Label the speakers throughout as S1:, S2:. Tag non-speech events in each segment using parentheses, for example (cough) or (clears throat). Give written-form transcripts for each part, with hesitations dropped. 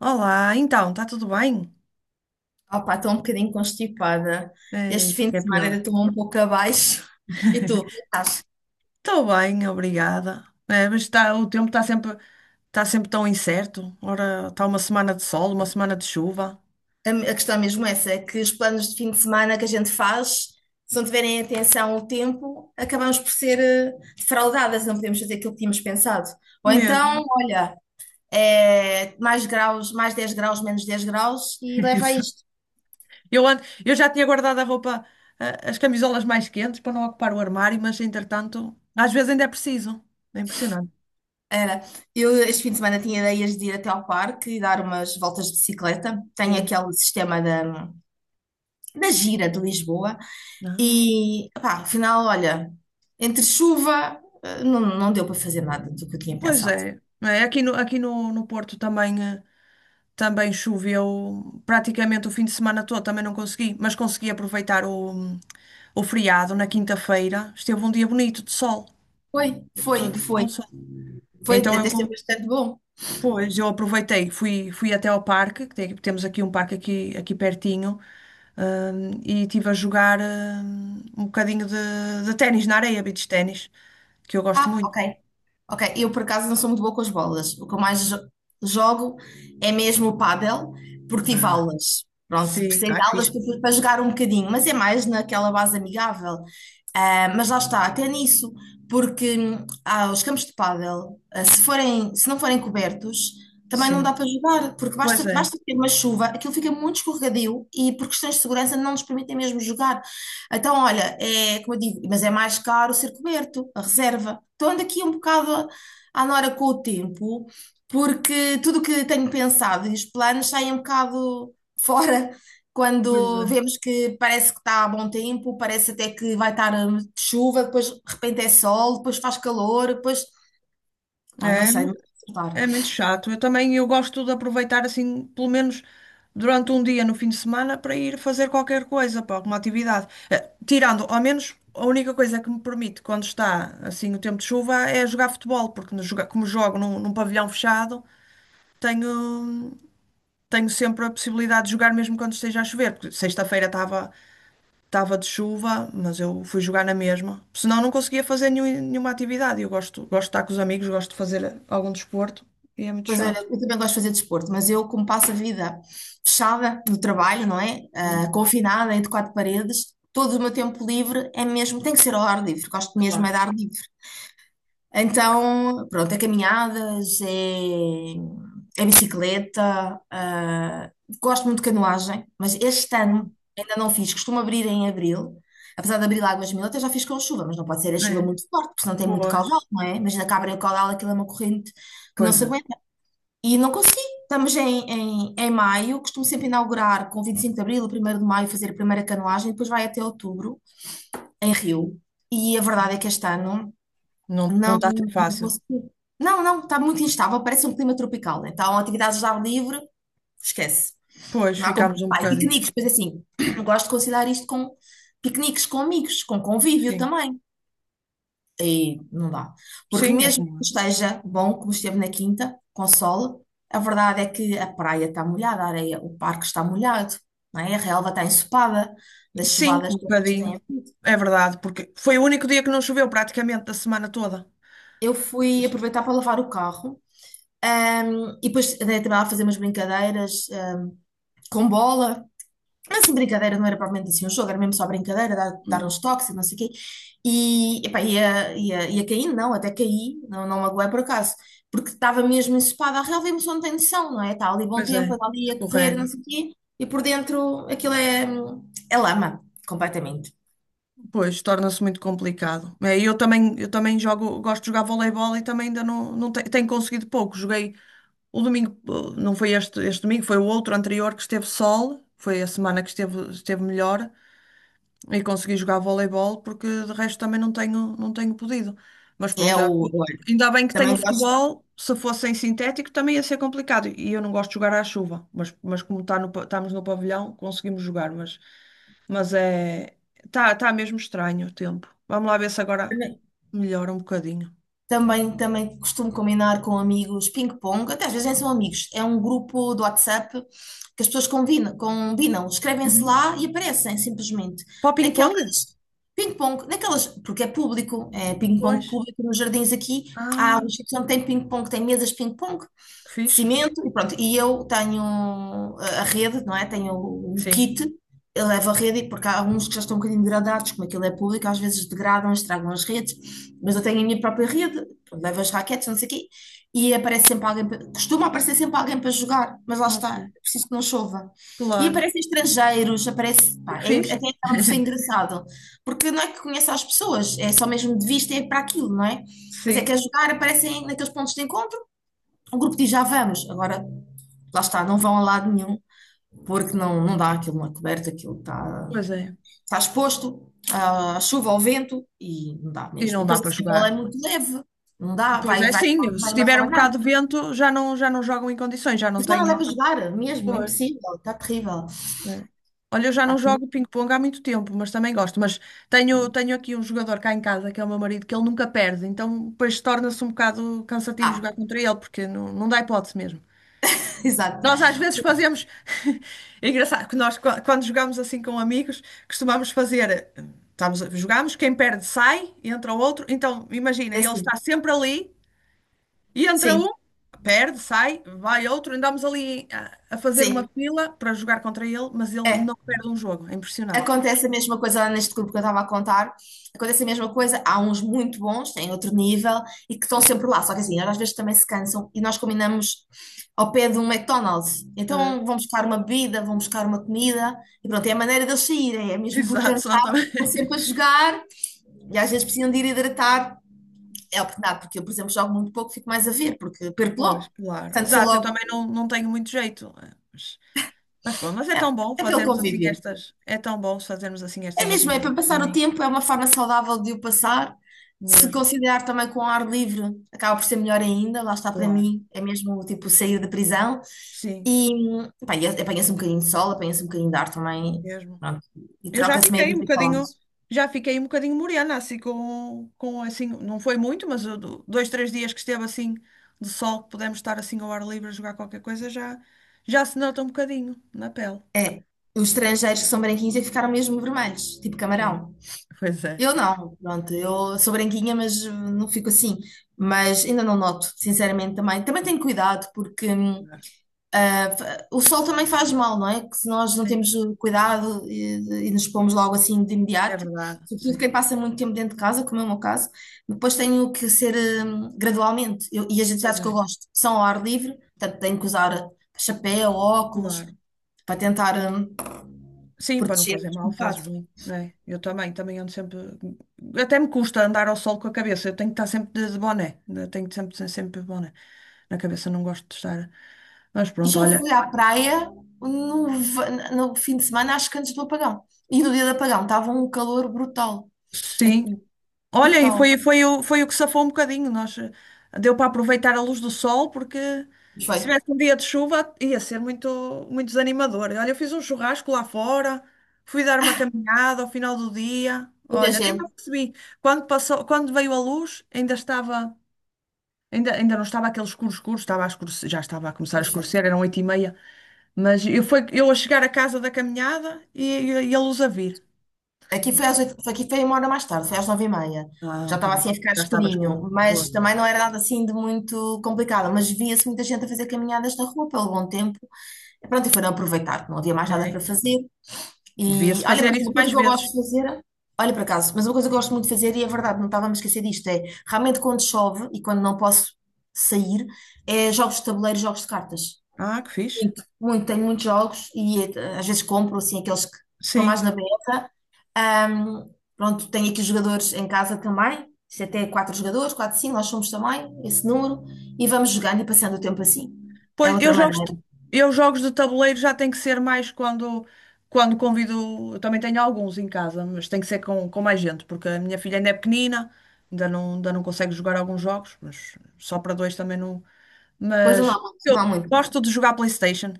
S1: Olá, então, está tudo bem?
S2: Opa, estou um bocadinho constipada.
S1: É,
S2: Este
S1: isso é
S2: fim
S1: que
S2: de
S1: é
S2: semana ainda
S1: pior.
S2: estou um pouco abaixo. (laughs) E tu, estás?
S1: Estou bem, obrigada. É, mas está, o tempo está sempre tão incerto. Ora, está uma semana de sol, uma semana de chuva.
S2: A questão mesmo é essa, é que os planos de fim de semana que a gente faz, se não tiverem atenção ao tempo, acabamos por ser defraudadas, não podemos fazer aquilo que tínhamos pensado. Ou então,
S1: Mesmo.
S2: olha, é mais graus, mais 10 graus, menos 10 graus e
S1: (laughs)
S2: leva a
S1: Isso.
S2: isto.
S1: Eu já tinha guardado a roupa, as camisolas mais quentes para não ocupar o armário, mas entretanto, às vezes ainda é preciso. É impressionante.
S2: Era. Eu este fim de semana tinha ideias de ir até ao parque e dar umas voltas de bicicleta. Tenho
S1: Sim.
S2: aquele sistema da gira de Lisboa.
S1: Ah,
S2: E, pá, afinal, olha, entre chuva, não, não deu para fazer nada do que eu tinha
S1: pois
S2: pensado.
S1: é. É, aqui no, no Porto também. Também choveu praticamente o fim de semana todo, também não consegui, mas consegui aproveitar o feriado na quinta-feira. Esteve um dia bonito de sol,
S2: Foi,
S1: eu estou
S2: foi,
S1: de com
S2: foi.
S1: sol.
S2: Foi,
S1: Então eu,
S2: até esteve
S1: con-
S2: bastante bom.
S1: pois, eu aproveitei, fui até ao parque, que temos aqui um parque aqui pertinho, e estive a jogar, um bocadinho de ténis na areia, beach ténis, que eu gosto
S2: Ah,
S1: muito.
S2: ok, ok. Eu, por acaso, não sou muito boa com as bolas. O que eu mais jogo é mesmo o pádel, porque tive
S1: Ah,
S2: aulas. Pronto,
S1: sim,
S2: precisei
S1: ah,
S2: de
S1: que
S2: aulas
S1: fixe.
S2: para, jogar um bocadinho, mas é mais naquela base amigável. Ah, mas lá está, até nisso, porque os campos de pádel, se não forem cobertos, também não
S1: Sim,
S2: dá para jogar, porque
S1: pois
S2: basta,
S1: é,
S2: basta ter uma chuva, aquilo fica muito escorregadio e por questões de segurança não nos permitem mesmo jogar. Então, olha, é como eu digo, mas é mais caro ser coberto, a reserva. Então ando aqui um bocado à nora com o tempo, porque tudo o que tenho pensado e os planos saem um bocado fora
S1: pois é.
S2: quando vemos que parece que está a bom tempo, parece até que vai estar chuva, depois de repente é sol, depois faz calor, depois, pá, não
S1: É,
S2: sei, explicar.
S1: É muito chato. Eu também eu gosto de aproveitar assim, pelo menos durante um dia no fim de semana, para ir fazer qualquer coisa, para alguma atividade. Tirando, ao menos, a única coisa que me permite, quando está assim o tempo de chuva, é jogar futebol, porque no joga- como jogo num pavilhão fechado, tenho, tenho sempre a possibilidade de jogar mesmo quando esteja a chover, porque sexta-feira estava de chuva, mas eu fui jogar na mesma. Senão não conseguia fazer nenhuma atividade. Eu gosto de estar com os amigos, gosto de fazer algum desporto e é muito
S2: Pois olha,
S1: chato.
S2: eu também gosto de fazer desporto, mas eu, como passo a vida fechada no trabalho, não é? Ah, confinada entre quatro paredes, todo o meu tempo livre é mesmo, tem que ser ao ar livre, gosto mesmo é
S1: Claro.
S2: de ar livre. Então, pronto, é caminhadas, é bicicleta, gosto muito de canoagem, mas este
S1: Oh,
S2: ano ainda não fiz, costumo abrir em abril, apesar de abrir Águas Mil, até já fiz com chuva, mas não pode ser a chuva
S1: é.
S2: muito forte, porque senão tem muito
S1: Pois.
S2: caudal, não é? Imagina que abrem o caudal, aquilo é uma corrente que não
S1: Pois
S2: se
S1: é.
S2: aguenta. E não consegui, estamos em, maio, costumo sempre inaugurar com 25 de abril, primeiro de maio, fazer a primeira canoagem, depois vai até outubro, em Rio. E a verdade é que este ano.
S1: Não, não
S2: Não,
S1: está a ser
S2: não
S1: fácil.
S2: consigo. Não, não, está muito instável, parece um clima tropical, né? Então, atividades ao ar livre, esquece.
S1: Pois,
S2: Não há como.
S1: ficámos um
S2: Pá, e
S1: bocadinho.
S2: piqueniques, pois assim, (clears throat) eu gosto de conciliar isto com piqueniques com amigos, com convívio
S1: Sim.
S2: também. E não dá. Porque
S1: Sim, é
S2: mesmo que
S1: como. Eu.
S2: esteja bom, como esteve na quinta, com sol, a verdade é que a praia está molhada, a areia, o parque está molhado, não é? A relva está ensopada, das
S1: Sim,
S2: chuvadas
S1: um
S2: todas que
S1: bocadinho.
S2: têm.
S1: É verdade, porque foi o único dia que não choveu praticamente da semana toda.
S2: Eu fui
S1: Pois
S2: aproveitar para lavar o carro. E depois andei também lá a fazer umas brincadeiras, com bola, mas assim, brincadeira, não era propriamente assim um jogo, era mesmo só brincadeira, dar,
S1: hum,
S2: uns toques e não sei o quê. E epá, ia, caindo, não, até caí, não, não magoei por acaso, porque estava mesmo ensopada, a relva emoção não tem noção, não é? Está ali bom
S1: pois
S2: tempo,
S1: é,
S2: anda ali a correr, não
S1: escorrega.
S2: sei o quê, e por dentro aquilo é lama, completamente.
S1: Pois, torna-se muito complicado. É, e eu também jogo, gosto de jogar voleibol e também ainda não tenho conseguido pouco. Joguei o domingo, não foi este domingo, foi o outro anterior que esteve sol, foi a semana que esteve melhor. E consegui jogar voleibol porque de resto também não tenho podido. Mas
S2: É
S1: pronto,
S2: o, olha,
S1: ainda bem que tenho o
S2: também gosto.
S1: futebol. Se fosse em sintético também ia ser complicado. E eu não gosto de jogar à chuva. Mas como estamos no pavilhão, conseguimos jogar. Mas é. Tá mesmo estranho o tempo. Vamos lá ver se agora melhora um bocadinho.
S2: Também costumo combinar com amigos ping-pong, até às vezes nem são amigos, é um grupo do WhatsApp que as pessoas combinam, escrevem-se
S1: Uhum.
S2: lá e aparecem simplesmente.
S1: Para o
S2: Naquelas
S1: ping-pong?
S2: ping-pong, naquelas, porque é público, é ping-pong
S1: Pois.
S2: público nos jardins aqui, há um
S1: Ah,
S2: sítio onde tem ping-pong, tem mesas de ping-pong,
S1: que
S2: de
S1: fixe.
S2: cimento e pronto. E eu tenho a rede, não é? Tenho o
S1: Sim.
S2: kit, eu levo a rede, porque há alguns que já estão um bocadinho degradados, como aquilo é público, às vezes degradam, estragam as redes, mas eu tenho a minha própria rede, pronto, levo as raquetes, não sei o quê, e aparece sempre alguém, costuma aparecer sempre alguém para jogar, mas lá
S1: Ok.
S2: está, é preciso que não chova. E
S1: Claro.
S2: aparecem estrangeiros, aparece, pá,
S1: Que fixe.
S2: até acaba por ser
S1: (laughs)
S2: engraçado, porque não é que conhece as pessoas, é só mesmo de vista, é para aquilo, não é? Mas é que
S1: Sim.
S2: a jogar aparecem naqueles pontos de encontro, o grupo diz já vamos, agora lá está, não vão a lado nenhum, porque não, não dá aquilo na coberta, aquilo está,
S1: Pois é.
S2: está exposto à chuva, ao vento e não dá
S1: E
S2: mesmo. E
S1: não dá
S2: depois
S1: para
S2: a bola é
S1: jogar.
S2: muito leve, não dá,
S1: Pois
S2: vai,
S1: é,
S2: vai,
S1: sim. Se
S2: vai uma
S1: tiver um
S2: rabanada.
S1: bocado de vento, já não jogam em condições, já não
S2: Mas não dá para
S1: tenho.
S2: jogar mesmo, é
S1: Pois,
S2: impossível, está terrível.
S1: é. Olha, eu já
S2: Está
S1: não
S2: terrível.
S1: jogo ping-pong há muito tempo, mas também gosto. Mas tenho aqui um jogador cá em casa, que é o meu marido, que ele nunca perde. Então, depois torna-se um bocado cansativo
S2: Ah,
S1: jogar contra ele, porque não dá hipótese mesmo.
S2: (laughs) exato,
S1: Nós às vezes fazemos. (laughs) É engraçado que nós, quando jogamos assim com amigos, costumamos fazer. Estamos, jogamos, quem perde sai, entra o outro. Então, imagina,
S2: é
S1: ele está
S2: assim,
S1: sempre ali. E entra
S2: sim,
S1: um, perde, sai, vai outro, andamos ali a fazer uma
S2: sim,
S1: fila para jogar contra ele, mas ele
S2: é.
S1: não perde um jogo, é impressionante.
S2: Acontece a mesma coisa lá neste grupo que eu estava a contar. Acontece a mesma coisa. Há uns muito bons, têm outro nível e que estão sempre lá. Só que assim, eles às vezes também se cansam e nós combinamos ao pé de um McDonald's.
S1: Ah,
S2: Então vão buscar uma bebida, vão buscar uma comida e pronto, é a maneira deles saírem. É
S1: (laughs)
S2: mesmo por
S1: exato, senão
S2: cansaço,
S1: também. (laughs)
S2: estão sempre a jogar e às vezes precisam de ir hidratar. É a oportunidade, porque eu, por exemplo, jogo muito pouco, fico mais a ver, porque perco
S1: Pois,
S2: logo.
S1: claro.
S2: Portanto, sou
S1: Exato, eu
S2: logo.
S1: também não tenho muito jeito. Mas pronto, é tão bom
S2: É pelo
S1: fazermos assim
S2: convívio.
S1: estas. É tão bom fazermos assim
S2: É
S1: estas
S2: mesmo, é
S1: atividades
S2: para
S1: com os
S2: passar o
S1: amigos,
S2: tempo, é uma forma saudável de o passar. Se
S1: mesmo,
S2: considerar também com ar livre, acaba por ser melhor ainda. Lá está, para
S1: claro.
S2: mim é mesmo tipo sair da prisão.
S1: Sim,
S2: E pá, e apanha-se um bocadinho de sol, apanha-se um bocadinho de ar também.
S1: mesmo.
S2: Pronto. E
S1: Eu já
S2: troca-se meio
S1: fiquei um
S2: de
S1: bocadinho,
S2: palavras.
S1: já fiquei um bocadinho morena, assim, com assim, não foi muito, mas eu dois, três dias que esteve assim de sol, que pudemos estar assim ao ar livre a jogar qualquer coisa, já se nota um bocadinho na pele.
S2: É, os estrangeiros que são branquinhos é que ficaram mesmo vermelhos, tipo
S1: É,
S2: camarão.
S1: pois é.
S2: Eu não, pronto, eu sou branquinha, mas não fico assim. Mas ainda não noto, sinceramente também. Também tenho cuidado, porque,
S1: Claro.
S2: o sol também faz mal, não é? Que se nós não
S1: Sim,
S2: temos cuidado e nos pomos logo assim de
S1: é
S2: imediato,
S1: verdade,
S2: sobretudo
S1: sim.
S2: quem passa muito tempo dentro de casa, como é o meu caso, depois tenho que ser gradualmente. E as
S1: Pois
S2: atividades que eu
S1: é,
S2: gosto são ao ar livre, portanto tenho que usar chapéu, óculos,
S1: claro.
S2: para tentar
S1: Sim, para não
S2: proteger
S1: fazer mal,
S2: um
S1: fazes
S2: bocado.
S1: bem. É, eu também, ando sempre. Até me custa andar ao sol com a cabeça. Eu tenho que estar sempre de boné. Eu tenho que sempre, sempre de boné. Na cabeça não gosto de estar. Mas
S2: E
S1: pronto,
S2: já
S1: olha.
S2: fui à praia no fim de semana, acho que antes do apagão. E no dia do apagão estava um calor brutal
S1: Sim.
S2: aqui.
S1: Olha, e
S2: Brutal.
S1: foi o que safou um bocadinho. Nós, deu para aproveitar a luz do sol, porque
S2: Mas
S1: se
S2: foi.
S1: tivesse um dia de chuva ia ser muito, muito desanimador. Olha, eu fiz um churrasco lá fora, fui dar uma caminhada ao final do dia.
S2: Muita
S1: Olha, nem me
S2: gente.
S1: apercebi. Quando passou, quando veio a luz, ainda não estava aquele escuro escuro, estava a escurecer, já estava a começar a
S2: Mas foi.
S1: escurecer, eram 8h30. Mas eu a chegar à casa da caminhada e a luz a vir.
S2: Aqui foi às oito, aqui foi uma hora mais tarde, foi às nove e meia.
S1: Ah, um
S2: Já estava
S1: bocadinho.
S2: assim a ficar
S1: Já estava escuro.
S2: escurinho,
S1: Foi.
S2: mas também não era nada assim de muito complicado. Mas via-se muita gente a fazer caminhadas na rua pelo bom tempo. E pronto, e foram aproveitar, que não havia mais nada para
S1: É?
S2: fazer. E
S1: Devia-se
S2: olha,
S1: fazer
S2: mas
S1: isso
S2: uma coisa
S1: mais
S2: que eu gosto
S1: vezes.
S2: de fazer, olha, por acaso, mas uma coisa que eu gosto muito de fazer, e é verdade, não estava a me esquecer disto, é realmente quando chove e quando não posso sair, é jogos de tabuleiro, jogos de cartas.
S1: Ah, que fixe.
S2: Muito, muito, tenho muitos jogos e às vezes compro assim aqueles que estão
S1: Sim.
S2: mais na beira. Pronto, tenho aqui jogadores em casa também, isto é até quatro jogadores, quatro, cinco, nós somos também esse número, e vamos jogando e passando o tempo assim. É
S1: Pois, eu
S2: outra
S1: jogos de,
S2: maneira.
S1: eu jogos de tabuleiro já tem que ser mais quando convido. Eu também tenho alguns em casa, mas tem que ser com mais gente, porque a minha filha ainda é pequenina, ainda não consegue jogar alguns jogos, mas só para dois também não.
S2: Pois não
S1: Mas
S2: há, não há
S1: eu
S2: muito.
S1: gosto de jogar PlayStation.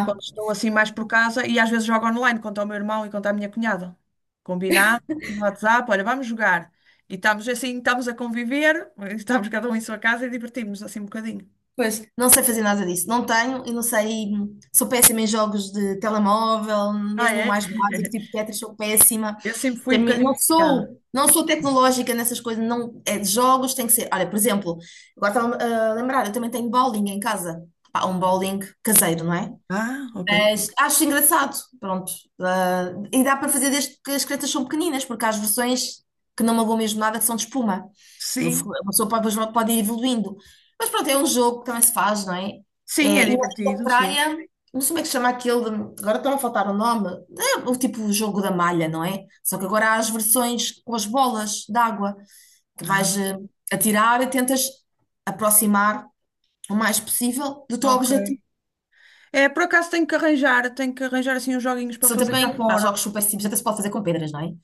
S1: Quando estou assim mais por casa e às vezes jogo online contra o meu irmão e contra a minha cunhada. Combinado no WhatsApp, olha, vamos jogar. E estamos assim, estamos a conviver, (laughs) estamos cada um em sua casa e divertimos-nos assim um bocadinho.
S2: pois, não sei fazer nada disso. Não tenho e não sei. Sou péssima em jogos de telemóvel,
S1: Ah,
S2: mesmo o
S1: é?
S2: mais básico, tipo Tetris, sou péssima.
S1: Eu sempre fui um bocadinho viciada.
S2: Não sou tecnológica nessas coisas, não, é de jogos, tem que ser. Olha, por exemplo, agora estava a lembrar, eu também tenho bowling em casa. Pá, um bowling caseiro, não é?
S1: Ah, ok.
S2: Mas acho engraçado, pronto. Ah, e dá para fazer desde que as cretas são pequeninas, porque há as versões que não magoam mesmo nada, que são de espuma.
S1: Sim,
S2: A pessoa pode, depois pode ir evoluindo. Mas pronto, é um jogo que também se faz, não é?
S1: sim,
S2: É,
S1: é
S2: e na
S1: divertido, sim.
S2: praia, não sei como é que se chama aquele, agora está a faltar o nome, é o tipo o jogo da malha, não é? Só que agora há as versões com as bolas d'água, que vais
S1: Ah,
S2: atirar e tentas aproximar o mais possível do teu
S1: ok.
S2: objetivo,
S1: É, por acaso tenho que arranjar assim uns joguinhos
S2: que
S1: para
S2: são
S1: fazer cá
S2: também, há
S1: fora.
S2: jogos super simples, até se pode fazer com pedras, não é?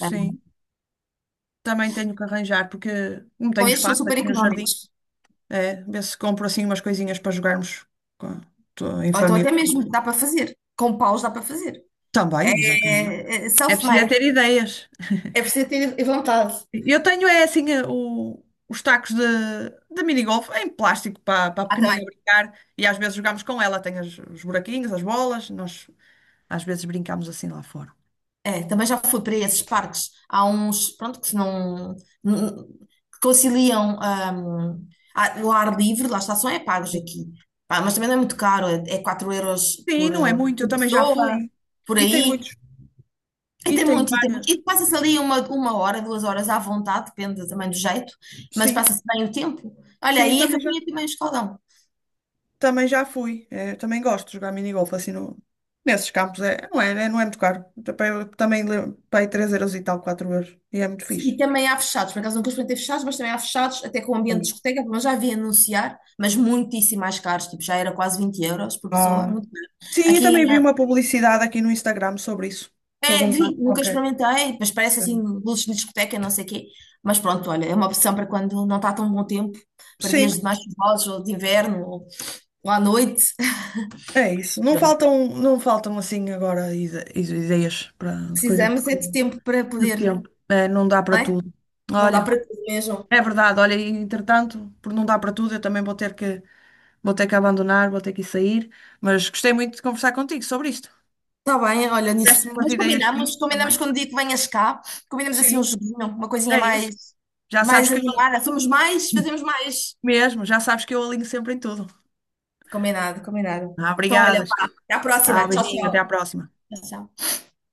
S2: Ah,
S1: também tenho que arranjar, porque não
S2: bom,
S1: tenho
S2: estes são
S1: espaço
S2: super
S1: aqui no jardim.
S2: económicos.
S1: É, vê se compro assim umas coisinhas para jogarmos com- em
S2: Ou então
S1: família.
S2: até mesmo dá para fazer. Com paus dá para fazer.
S1: Também, exatamente.
S2: É, é
S1: É preciso é
S2: self-made.
S1: ter ideias.
S2: É preciso ter vontade.
S1: Eu tenho é assim os tacos de minigolf em plástico para a
S2: Ah,
S1: pequenina
S2: também.
S1: brincar e às vezes jogamos com ela. Tem os buraquinhos, as bolas, nós às vezes brincamos assim lá fora.
S2: É, também já fui para esses parques. Há uns, pronto, que se não... n- que conciliam o ar livre, lá está, só é pagos
S1: Sim,
S2: aqui. Pá, mas também não é muito caro. É 4 euros
S1: sim, não é muito, eu
S2: por
S1: também já
S2: pessoa,
S1: fui.
S2: por
S1: E tem
S2: aí.
S1: muitos,
S2: E
S1: e
S2: tem
S1: tem
S2: muito, e tem muito.
S1: várias.
S2: E passa-se ali uma hora, duas horas à vontade, depende também do jeito, mas
S1: Sim,
S2: passa-se bem o tempo. Olha,
S1: sim,
S2: aí a
S1: também já.
S2: capinha também é escaldão.
S1: Também já fui. Também gosto de jogar minigolf assim nesses campos. É, não é, não é muito caro. Também paguei 3 euros e tal, 4 euros. E é muito fixe
S2: E também há fechados, por acaso nunca experimentei fechados, mas também há fechados, até com ambiente de
S1: também.
S2: discoteca, mas já vi anunciar, mas muitíssimo mais caros, tipo, já era quase 20 euros por pessoa,
S1: Ah.
S2: muito caro.
S1: Sim, eu
S2: Aqui,
S1: também vi uma publicidade aqui no Instagram sobre isso. Sobre um
S2: vi,
S1: parque
S2: nunca
S1: qualquer.
S2: experimentei, mas parece assim, luzes de discoteca, não sei o quê. Mas pronto, olha, é uma opção para quando não está tão bom tempo, para
S1: Sim,
S2: dias de mais chuvosos, ou de inverno, ou, à noite.
S1: é isso. Não
S2: (laughs)
S1: faltam, não faltam assim agora ideias para, de coisa para
S2: Precisamos é de
S1: tudo.
S2: tempo para
S1: De
S2: poder,
S1: tempo. É, não dá para
S2: não é?
S1: tudo.
S2: Não dá
S1: Olha,
S2: para tudo mesmo.
S1: é verdade. Olha, e, entretanto, por não dar para tudo, eu também vou ter que abandonar, vou ter que sair, mas gostei muito de conversar contigo sobre isto.
S2: Está bem, olha nisso.
S1: Deste-me umas
S2: Mas
S1: ideias
S2: combinamos,
S1: fixas também.
S2: combinamos quando o dia que venhas cá, combinamos assim um
S1: Sim,
S2: joguinho, uma coisinha
S1: é isso.
S2: mais,
S1: Já sabes que eu alinho
S2: animada. Somos mais, fazemos mais.
S1: mesmo, já sabes que eu alinho sempre em tudo.
S2: Combinado, combinado.
S1: Ah,
S2: Então, olha,
S1: obrigada.
S2: pá, até à
S1: Tchau,
S2: próxima. Tchau,
S1: beijinho, até à
S2: tchau.
S1: próxima.
S2: Tchau, tchau.